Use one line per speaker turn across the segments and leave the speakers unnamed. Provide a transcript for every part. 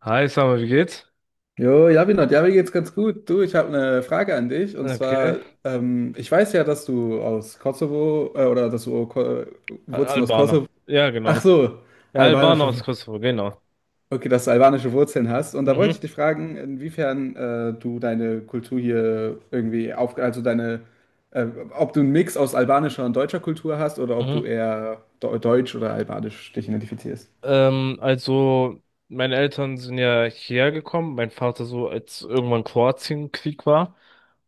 Hi, Summer, wie geht's?
Jo, Javinot, ja, mir geht's ganz gut. Du, ich habe eine Frage an dich. Und
Okay.
zwar, ich weiß ja, dass du aus Kosovo, oder dass du oh, Ko Wurzeln aus
Albaner.
Kosovo,
Ja,
ach
genau.
so,
Ja, Albaner
albanische,
aus
Wur-
Kosovo, genau.
okay, dass du albanische Wurzeln hast. Und da wollte ich
Mhm,
dich fragen, inwiefern du deine Kultur hier irgendwie auf, also äh, ob du einen Mix aus albanischer und deutscher Kultur hast oder ob
mhm.
du eher deutsch oder albanisch dich identifizierst.
Also, meine Eltern sind ja hierher gekommen. Mein Vater so, als irgendwann Kroatienkrieg war.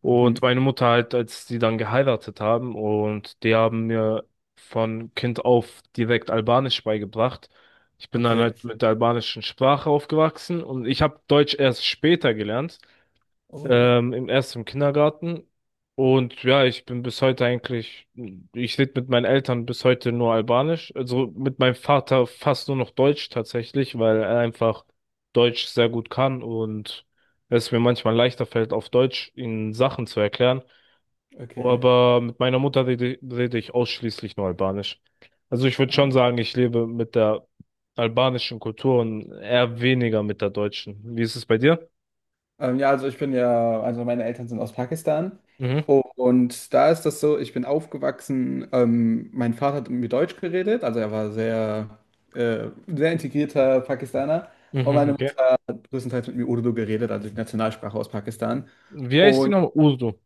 Und
Mhm.
meine Mutter halt, als die dann geheiratet haben. Und die haben mir von Kind auf direkt Albanisch beigebracht. Ich bin dann
Okay.
halt mit der albanischen Sprache aufgewachsen. Und ich habe Deutsch erst später gelernt.
Oh,
Im erst im Kindergarten. Und ja, ich bin bis heute eigentlich, ich rede mit meinen Eltern bis heute nur Albanisch. Also mit meinem Vater fast nur noch Deutsch tatsächlich, weil er einfach Deutsch sehr gut kann und es mir manchmal leichter fällt, auf Deutsch ihnen Sachen zu erklären.
okay.
Aber mit meiner Mutter rede ich ausschließlich nur Albanisch. Also ich würde schon sagen, ich lebe mit der albanischen Kultur und eher weniger mit der deutschen. Wie ist es bei dir?
Ja, also also meine Eltern sind aus Pakistan,
Mhm.
und da ist das so, ich bin aufgewachsen, mein Vater hat mit mir Deutsch geredet, also er war sehr, sehr integrierter Pakistaner, und meine
Mhm.
Mutter hat größtenteils mit mir Urdu geredet, also die Nationalsprache aus Pakistan.
Wie heißt die
Und
nochmal? Urdu.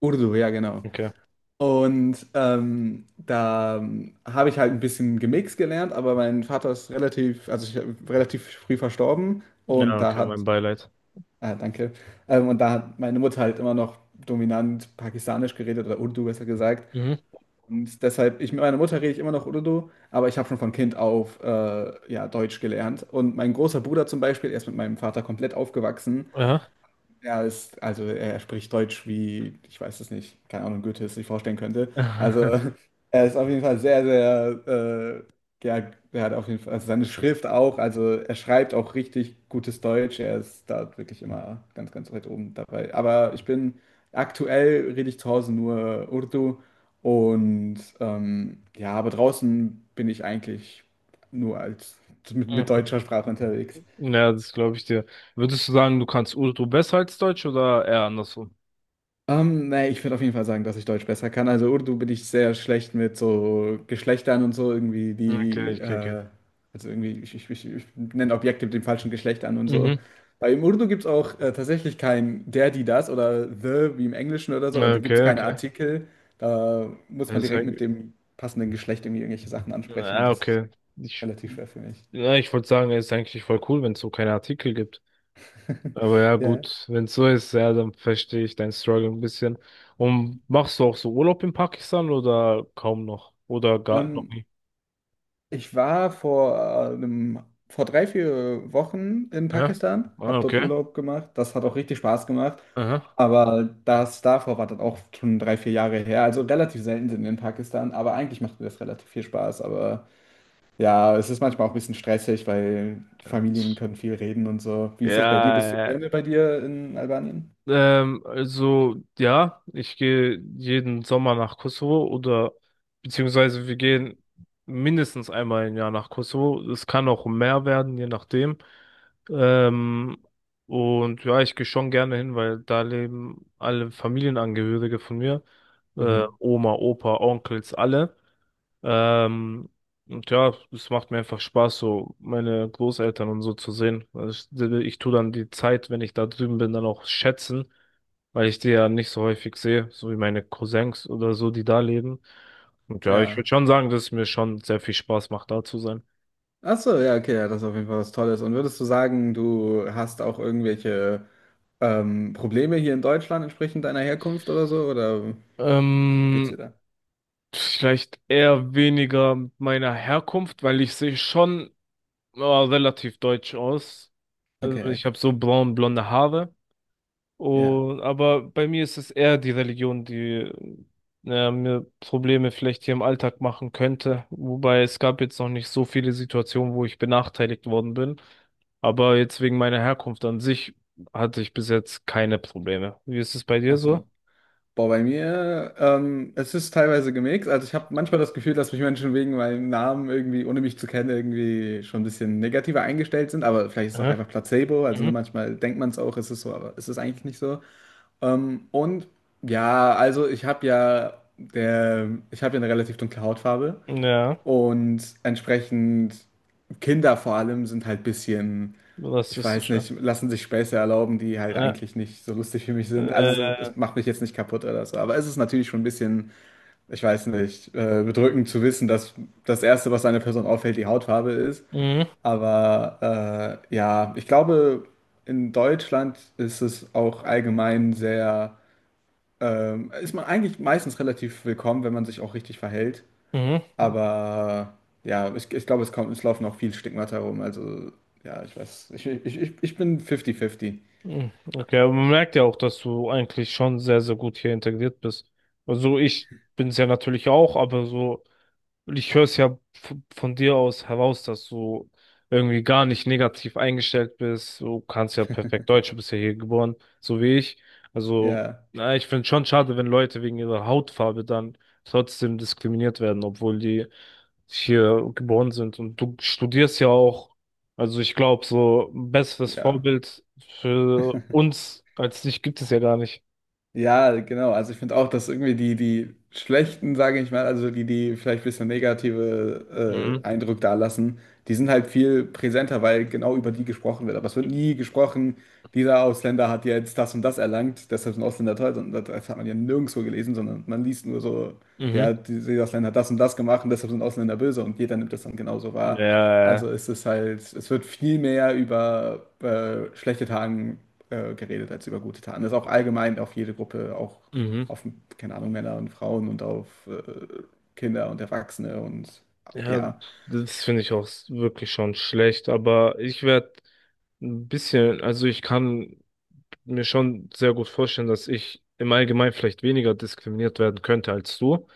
Urdu, ja genau.
Okay.
Und da habe ich halt ein bisschen gemixt gelernt, aber mein Vater ist relativ früh verstorben,
Ja,
und da
okay,
hat...
mein Beileid.
Ah, danke. Und da hat meine Mutter halt immer noch dominant pakistanisch geredet, oder Urdu besser gesagt.
Mhm.
Und deshalb, ich mit meiner Mutter rede ich immer noch Urdu, aber ich habe schon von Kind auf ja, Deutsch gelernt. Und mein großer Bruder zum Beispiel, er ist mit meinem Vater komplett aufgewachsen.
Ja.
Also er spricht Deutsch wie, ich weiß es nicht, keine Ahnung, Goethe es sich vorstellen könnte. Also er ist auf jeden Fall sehr, sehr, ja, er hat auf jeden Fall, also seine Schrift auch, also er schreibt auch richtig gutes Deutsch. Er ist da wirklich immer ganz, ganz weit oben dabei. Aktuell rede ich zu Hause nur Urdu, und ja, aber draußen bin ich eigentlich nur als mit deutscher Sprache unterwegs.
Ja, das glaube ich dir. Würdest du sagen, du kannst Urdu besser als Deutsch oder eher andersrum?
Nee, ich würde auf jeden Fall sagen, dass ich Deutsch besser kann. Also Urdu bin ich sehr schlecht mit so Geschlechtern und so irgendwie
Okay, okay, okay.
also irgendwie, ich nenne Objekte mit dem falschen Geschlecht an und so.
Mhm.
Bei Im Urdu gibt es auch tatsächlich kein der, die, das oder the wie im Englischen oder so. Also
Ja,
da gibt es
okay,
keine
okay.
Artikel. Da muss
Das
man
ist
direkt mit
eigentlich,
dem passenden Geschlecht irgendwie irgendwelche Sachen ansprechen, und
ja,
das ist
okay. Ich,
relativ schwer für mich.
ja, ich wollte sagen, es ist eigentlich voll cool, wenn es so keine Artikel gibt. Aber ja,
Ja.
gut, wenn es so ist, ja, dann verstehe ich deinen Struggle ein bisschen. Und machst du auch so Urlaub in Pakistan oder kaum noch? Oder gar noch
Ähm,
nie?
ich war vor äh, einem, vor drei, vier Wochen in
Aha.
Pakistan,
Ah,
habe dort
okay.
Urlaub gemacht. Das hat auch richtig Spaß gemacht.
Aha.
Aber das davor war dann auch schon drei, vier Jahre her. Also relativ selten sind wir in Pakistan, aber eigentlich macht mir das relativ viel Spaß. Aber ja, es ist manchmal auch ein bisschen stressig, weil
Ja,
Familien können viel reden und so. Wie ist das bei dir? Bist du
ja.
gerne bei dir in Albanien?
Also ja, ich gehe jeden Sommer nach Kosovo oder beziehungsweise wir gehen mindestens einmal im Jahr nach Kosovo. Es kann auch mehr werden, je nachdem. Ähm, und ja, ich gehe schon gerne hin, weil da leben alle Familienangehörige von mir.
Mhm.
Oma, Opa, Onkels, alle. Ähm, und ja, es macht mir einfach Spaß, so meine Großeltern und so zu sehen. Also ich tue dann die Zeit, wenn ich da drüben bin, dann auch schätzen, weil ich die ja nicht so häufig sehe, so wie meine Cousins oder so, die da leben. Und ja, ich würde
Ja.
schon sagen, dass es mir schon sehr viel Spaß macht, da zu sein.
Ach so, ja, okay, ja, das ist auf jeden Fall was Tolles. Und würdest du sagen, du hast auch irgendwelche Probleme hier in Deutschland entsprechend deiner Herkunft oder so? Oder geht's
Ähm,
dir da?
vielleicht eher weniger mit meiner Herkunft, weil ich sehe schon relativ deutsch aus. Also
Okay,
ich habe so braun-blonde Haare.
ja.
Und, aber bei mir ist es eher die Religion, die mir Probleme vielleicht hier im Alltag machen könnte. Wobei es gab jetzt noch nicht so viele Situationen, wo ich benachteiligt worden bin. Aber jetzt wegen meiner Herkunft an sich hatte ich bis jetzt keine Probleme. Wie ist es bei dir
Ach so.
so?
Boah, bei mir, es ist teilweise gemixt. Also ich habe manchmal das Gefühl, dass mich Menschen wegen meinem Namen irgendwie, ohne mich zu kennen, irgendwie schon ein bisschen negativer eingestellt sind. Aber vielleicht ist es auch
Aha.
einfach Placebo. Also ne,
Mhm.
manchmal denkt man es auch, es ist so, aber es ist eigentlich nicht so. Ähm, und ja, also ich habe ja eine relativ dunkle Hautfarbe,
Ja,
und entsprechend Kinder vor allem sind halt bisschen, ich weiß
rassistischer.
nicht, lassen sich Späße erlauben, die halt
Ja.
eigentlich nicht so lustig für mich sind. Also
Äh,
es macht mich jetzt nicht kaputt oder so, aber es ist natürlich schon ein bisschen, ich weiß nicht, bedrückend zu wissen, dass das Erste, was einer Person auffällt, die Hautfarbe ist.
mhm.
Aber ja, ich glaube, in Deutschland ist es auch allgemein sehr ist man eigentlich meistens relativ willkommen, wenn man sich auch richtig verhält.
Mhm.
Aber ja, ich glaube, es kommt, es laufen auch viel Stigmata rum. Also ja, ich weiß, ich bin 50-50.
Mhm. Okay, aber man merkt ja auch, dass du eigentlich schon sehr, sehr gut hier integriert bist. Also ich bin es ja natürlich auch, aber so. Ich höre es ja von dir aus heraus, dass du irgendwie gar nicht negativ eingestellt bist. Du kannst ja perfekt Deutsch, du bist ja hier geboren, so wie ich. Also,
Ja,
na, ich finde schon schade, wenn Leute wegen ihrer Hautfarbe dann trotzdem diskriminiert werden, obwohl die hier geboren sind. Und du studierst ja auch, also ich glaube, so ein besseres
ja.
Vorbild für uns als dich gibt es ja gar nicht.
Ja, genau. Also ich finde auch, dass irgendwie die schlechten, sage ich mal, also die vielleicht ein bisschen negative
Mhm.
Eindruck dalassen, die sind halt viel präsenter, weil genau über die gesprochen wird. Aber es wird nie gesprochen, dieser Ausländer hat jetzt das und das erlangt, deshalb sind Ausländer toll. Und das hat man ja nirgendwo gelesen, sondern man liest nur so,
Mhm.
dieser Ausländer hat das und das gemacht und deshalb sind Ausländer böse, und jeder nimmt das dann genauso wahr.
Ja.
Also es ist halt, es wird viel mehr über schlechte Tagen geredet als über gute Taten. Das ist auch allgemein auf jede Gruppe, auch
Mhm.
auf, keine Ahnung, Männer und Frauen und auf Kinder und Erwachsene und
Ja,
ja.
das finde ich auch wirklich schon schlecht, aber ich werde ein bisschen, also ich kann mir schon sehr gut vorstellen, dass ich im Allgemeinen vielleicht weniger diskriminiert werden könnte als du,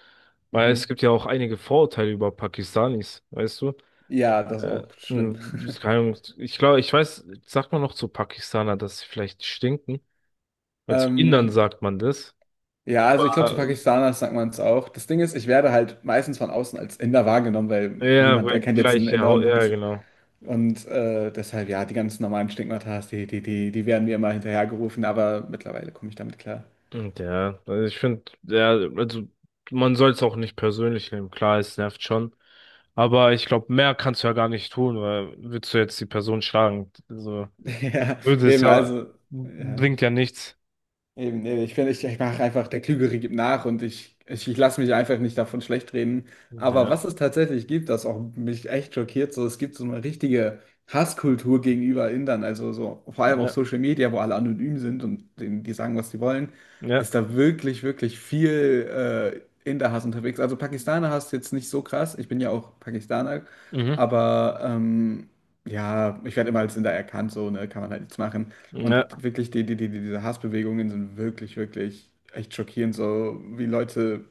weil
Mhm.
es gibt ja auch einige Vorurteile über Pakistanis, weißt du?
Ja, das ist
Äh,
auch schlimm.
ich keine Ahnung, ich glaube, ich weiß, sagt man noch zu Pakistaner, dass sie vielleicht stinken? Weil zu Indern
Ähm,
sagt man das.
ja, also ich glaube, zu
Äh,
Pakistanern sagt man es auch. Das Ding ist, ich werde halt meistens von außen als Inder wahrgenommen, weil
Ja,
niemand
weil
erkennt jetzt
gleich,
einen
ja
Inder
Haut,
und
ja,
Pakistaner.
genau.
Und deshalb, ja, die ganzen normalen Stigmata, die werden mir immer hinterhergerufen, aber mittlerweile komme ich damit klar.
Und ja, also ich finde, ja, also man soll es auch nicht persönlich nehmen. Klar, es nervt schon. Aber ich glaube, mehr kannst du ja gar nicht tun, weil willst du jetzt die Person schlagen? Also,
Ja,
würde es
eben,
ja,
also, ja.
bringt ja nichts.
Eben, nee, ich finde, ich mache einfach, der Klügere gibt nach, und ich lasse mich einfach nicht davon schlecht reden. Aber
Ja,
was es tatsächlich gibt, das auch mich echt schockiert, so es gibt so eine richtige Hasskultur gegenüber Indern, also so vor allem auf
ja,
Social Media, wo alle anonym sind und denen, die sagen, was sie wollen,
ja,
ist da wirklich, wirklich viel Inder-Hass unterwegs. Also Pakistaner-Hass jetzt nicht so krass, ich bin ja auch Pakistaner,
mhm,
aber ja, ich werde immer als Inder erkannt, so, ne, kann man halt nichts machen. Und
ja,
wirklich, diese Hassbewegungen sind wirklich, wirklich echt schockierend, so wie Leute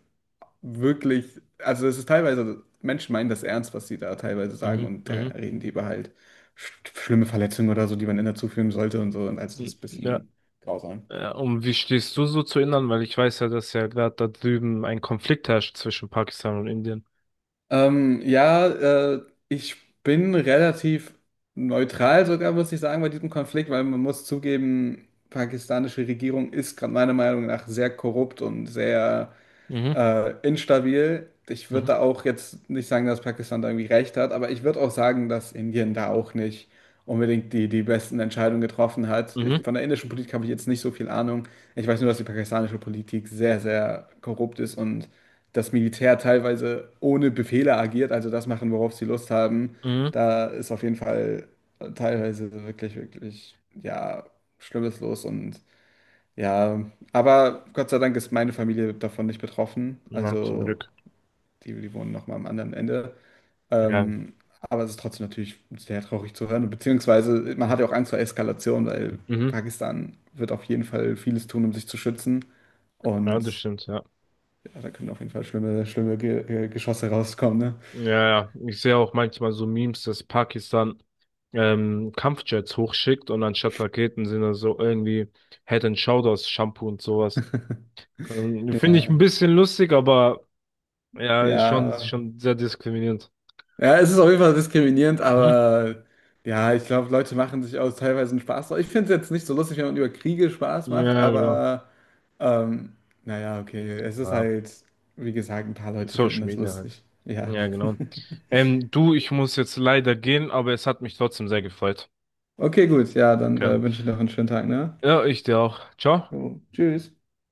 wirklich, also es ist teilweise, also Menschen meinen das ernst, was sie da teilweise sagen,
mhm,
und da
mhm,
reden die über halt schlimme Verletzungen oder so, die man in der zuführen sollte und so. Und also das ist ein
ja.
bisschen grausam.
Ja. Und wie stehst du so zu Indern? Weil ich weiß ja, dass ja gerade da drüben ein Konflikt herrscht zwischen Pakistan und Indien.
Ähm, ja, äh, ich bin relativ neutral sogar, muss ich sagen, bei diesem Konflikt, weil man muss zugeben, pakistanische Regierung ist gerade meiner Meinung nach sehr korrupt und sehr
Mhm,
instabil. Ich würde
mhm,
da auch jetzt nicht sagen, dass Pakistan da irgendwie recht hat, aber ich würde auch sagen, dass Indien da auch nicht unbedingt die besten Entscheidungen getroffen hat. Ich,
mhm,
von der indischen Politik habe ich jetzt nicht so viel Ahnung. Ich weiß nur, dass die pakistanische Politik sehr, sehr korrupt ist und das Militär teilweise ohne Befehle agiert, also das machen, worauf sie Lust haben.
mhm.
Da ist auf jeden Fall teilweise wirklich, wirklich, ja, Schlimmes los, und ja, aber Gott sei Dank ist meine Familie davon nicht betroffen.
Ja, zum
Also
Glück.
die wohnen noch mal am anderen Ende.
Ja,
Ähm, aber es ist trotzdem natürlich sehr traurig zu hören. Beziehungsweise man hat ja auch Angst vor Eskalation, weil
mhm.
Pakistan wird auf jeden Fall vieles tun, um sich zu schützen.
Ja,
Und
das stimmt, ja.
ja, da können auf jeden Fall schlimme, schlimme Ge Geschosse rauskommen, ne?
Ja, ja, ich sehe auch manchmal so Memes, dass Pakistan Kampfjets hochschickt und anstatt Raketen sind da so irgendwie Head and Shoulders Shampoo und sowas. Finde ich
Ja,
ein bisschen lustig, aber ja, ist
ja.
schon sehr diskriminierend.
Ja, es ist auf jeden Fall diskriminierend,
Hm?
aber ja, ich glaube, Leute machen sich aus teilweise einen Spaß draus. Ich finde es jetzt nicht so lustig, wenn man über Kriege Spaß macht,
Ja, genau.
aber ähm, naja, okay. Es ist
Ja.
halt, wie gesagt, ein paar Leute finden
Social
das
Media halt.
lustig. Ja.
Ja, genau. Du, ich muss jetzt leider gehen, aber es hat mich trotzdem sehr gefreut.
Okay, gut. Ja, dann
Okay.
wünsche ich noch einen schönen Tag, ne?
Ja, ich dir auch. Ciao.
Jo, tschüss.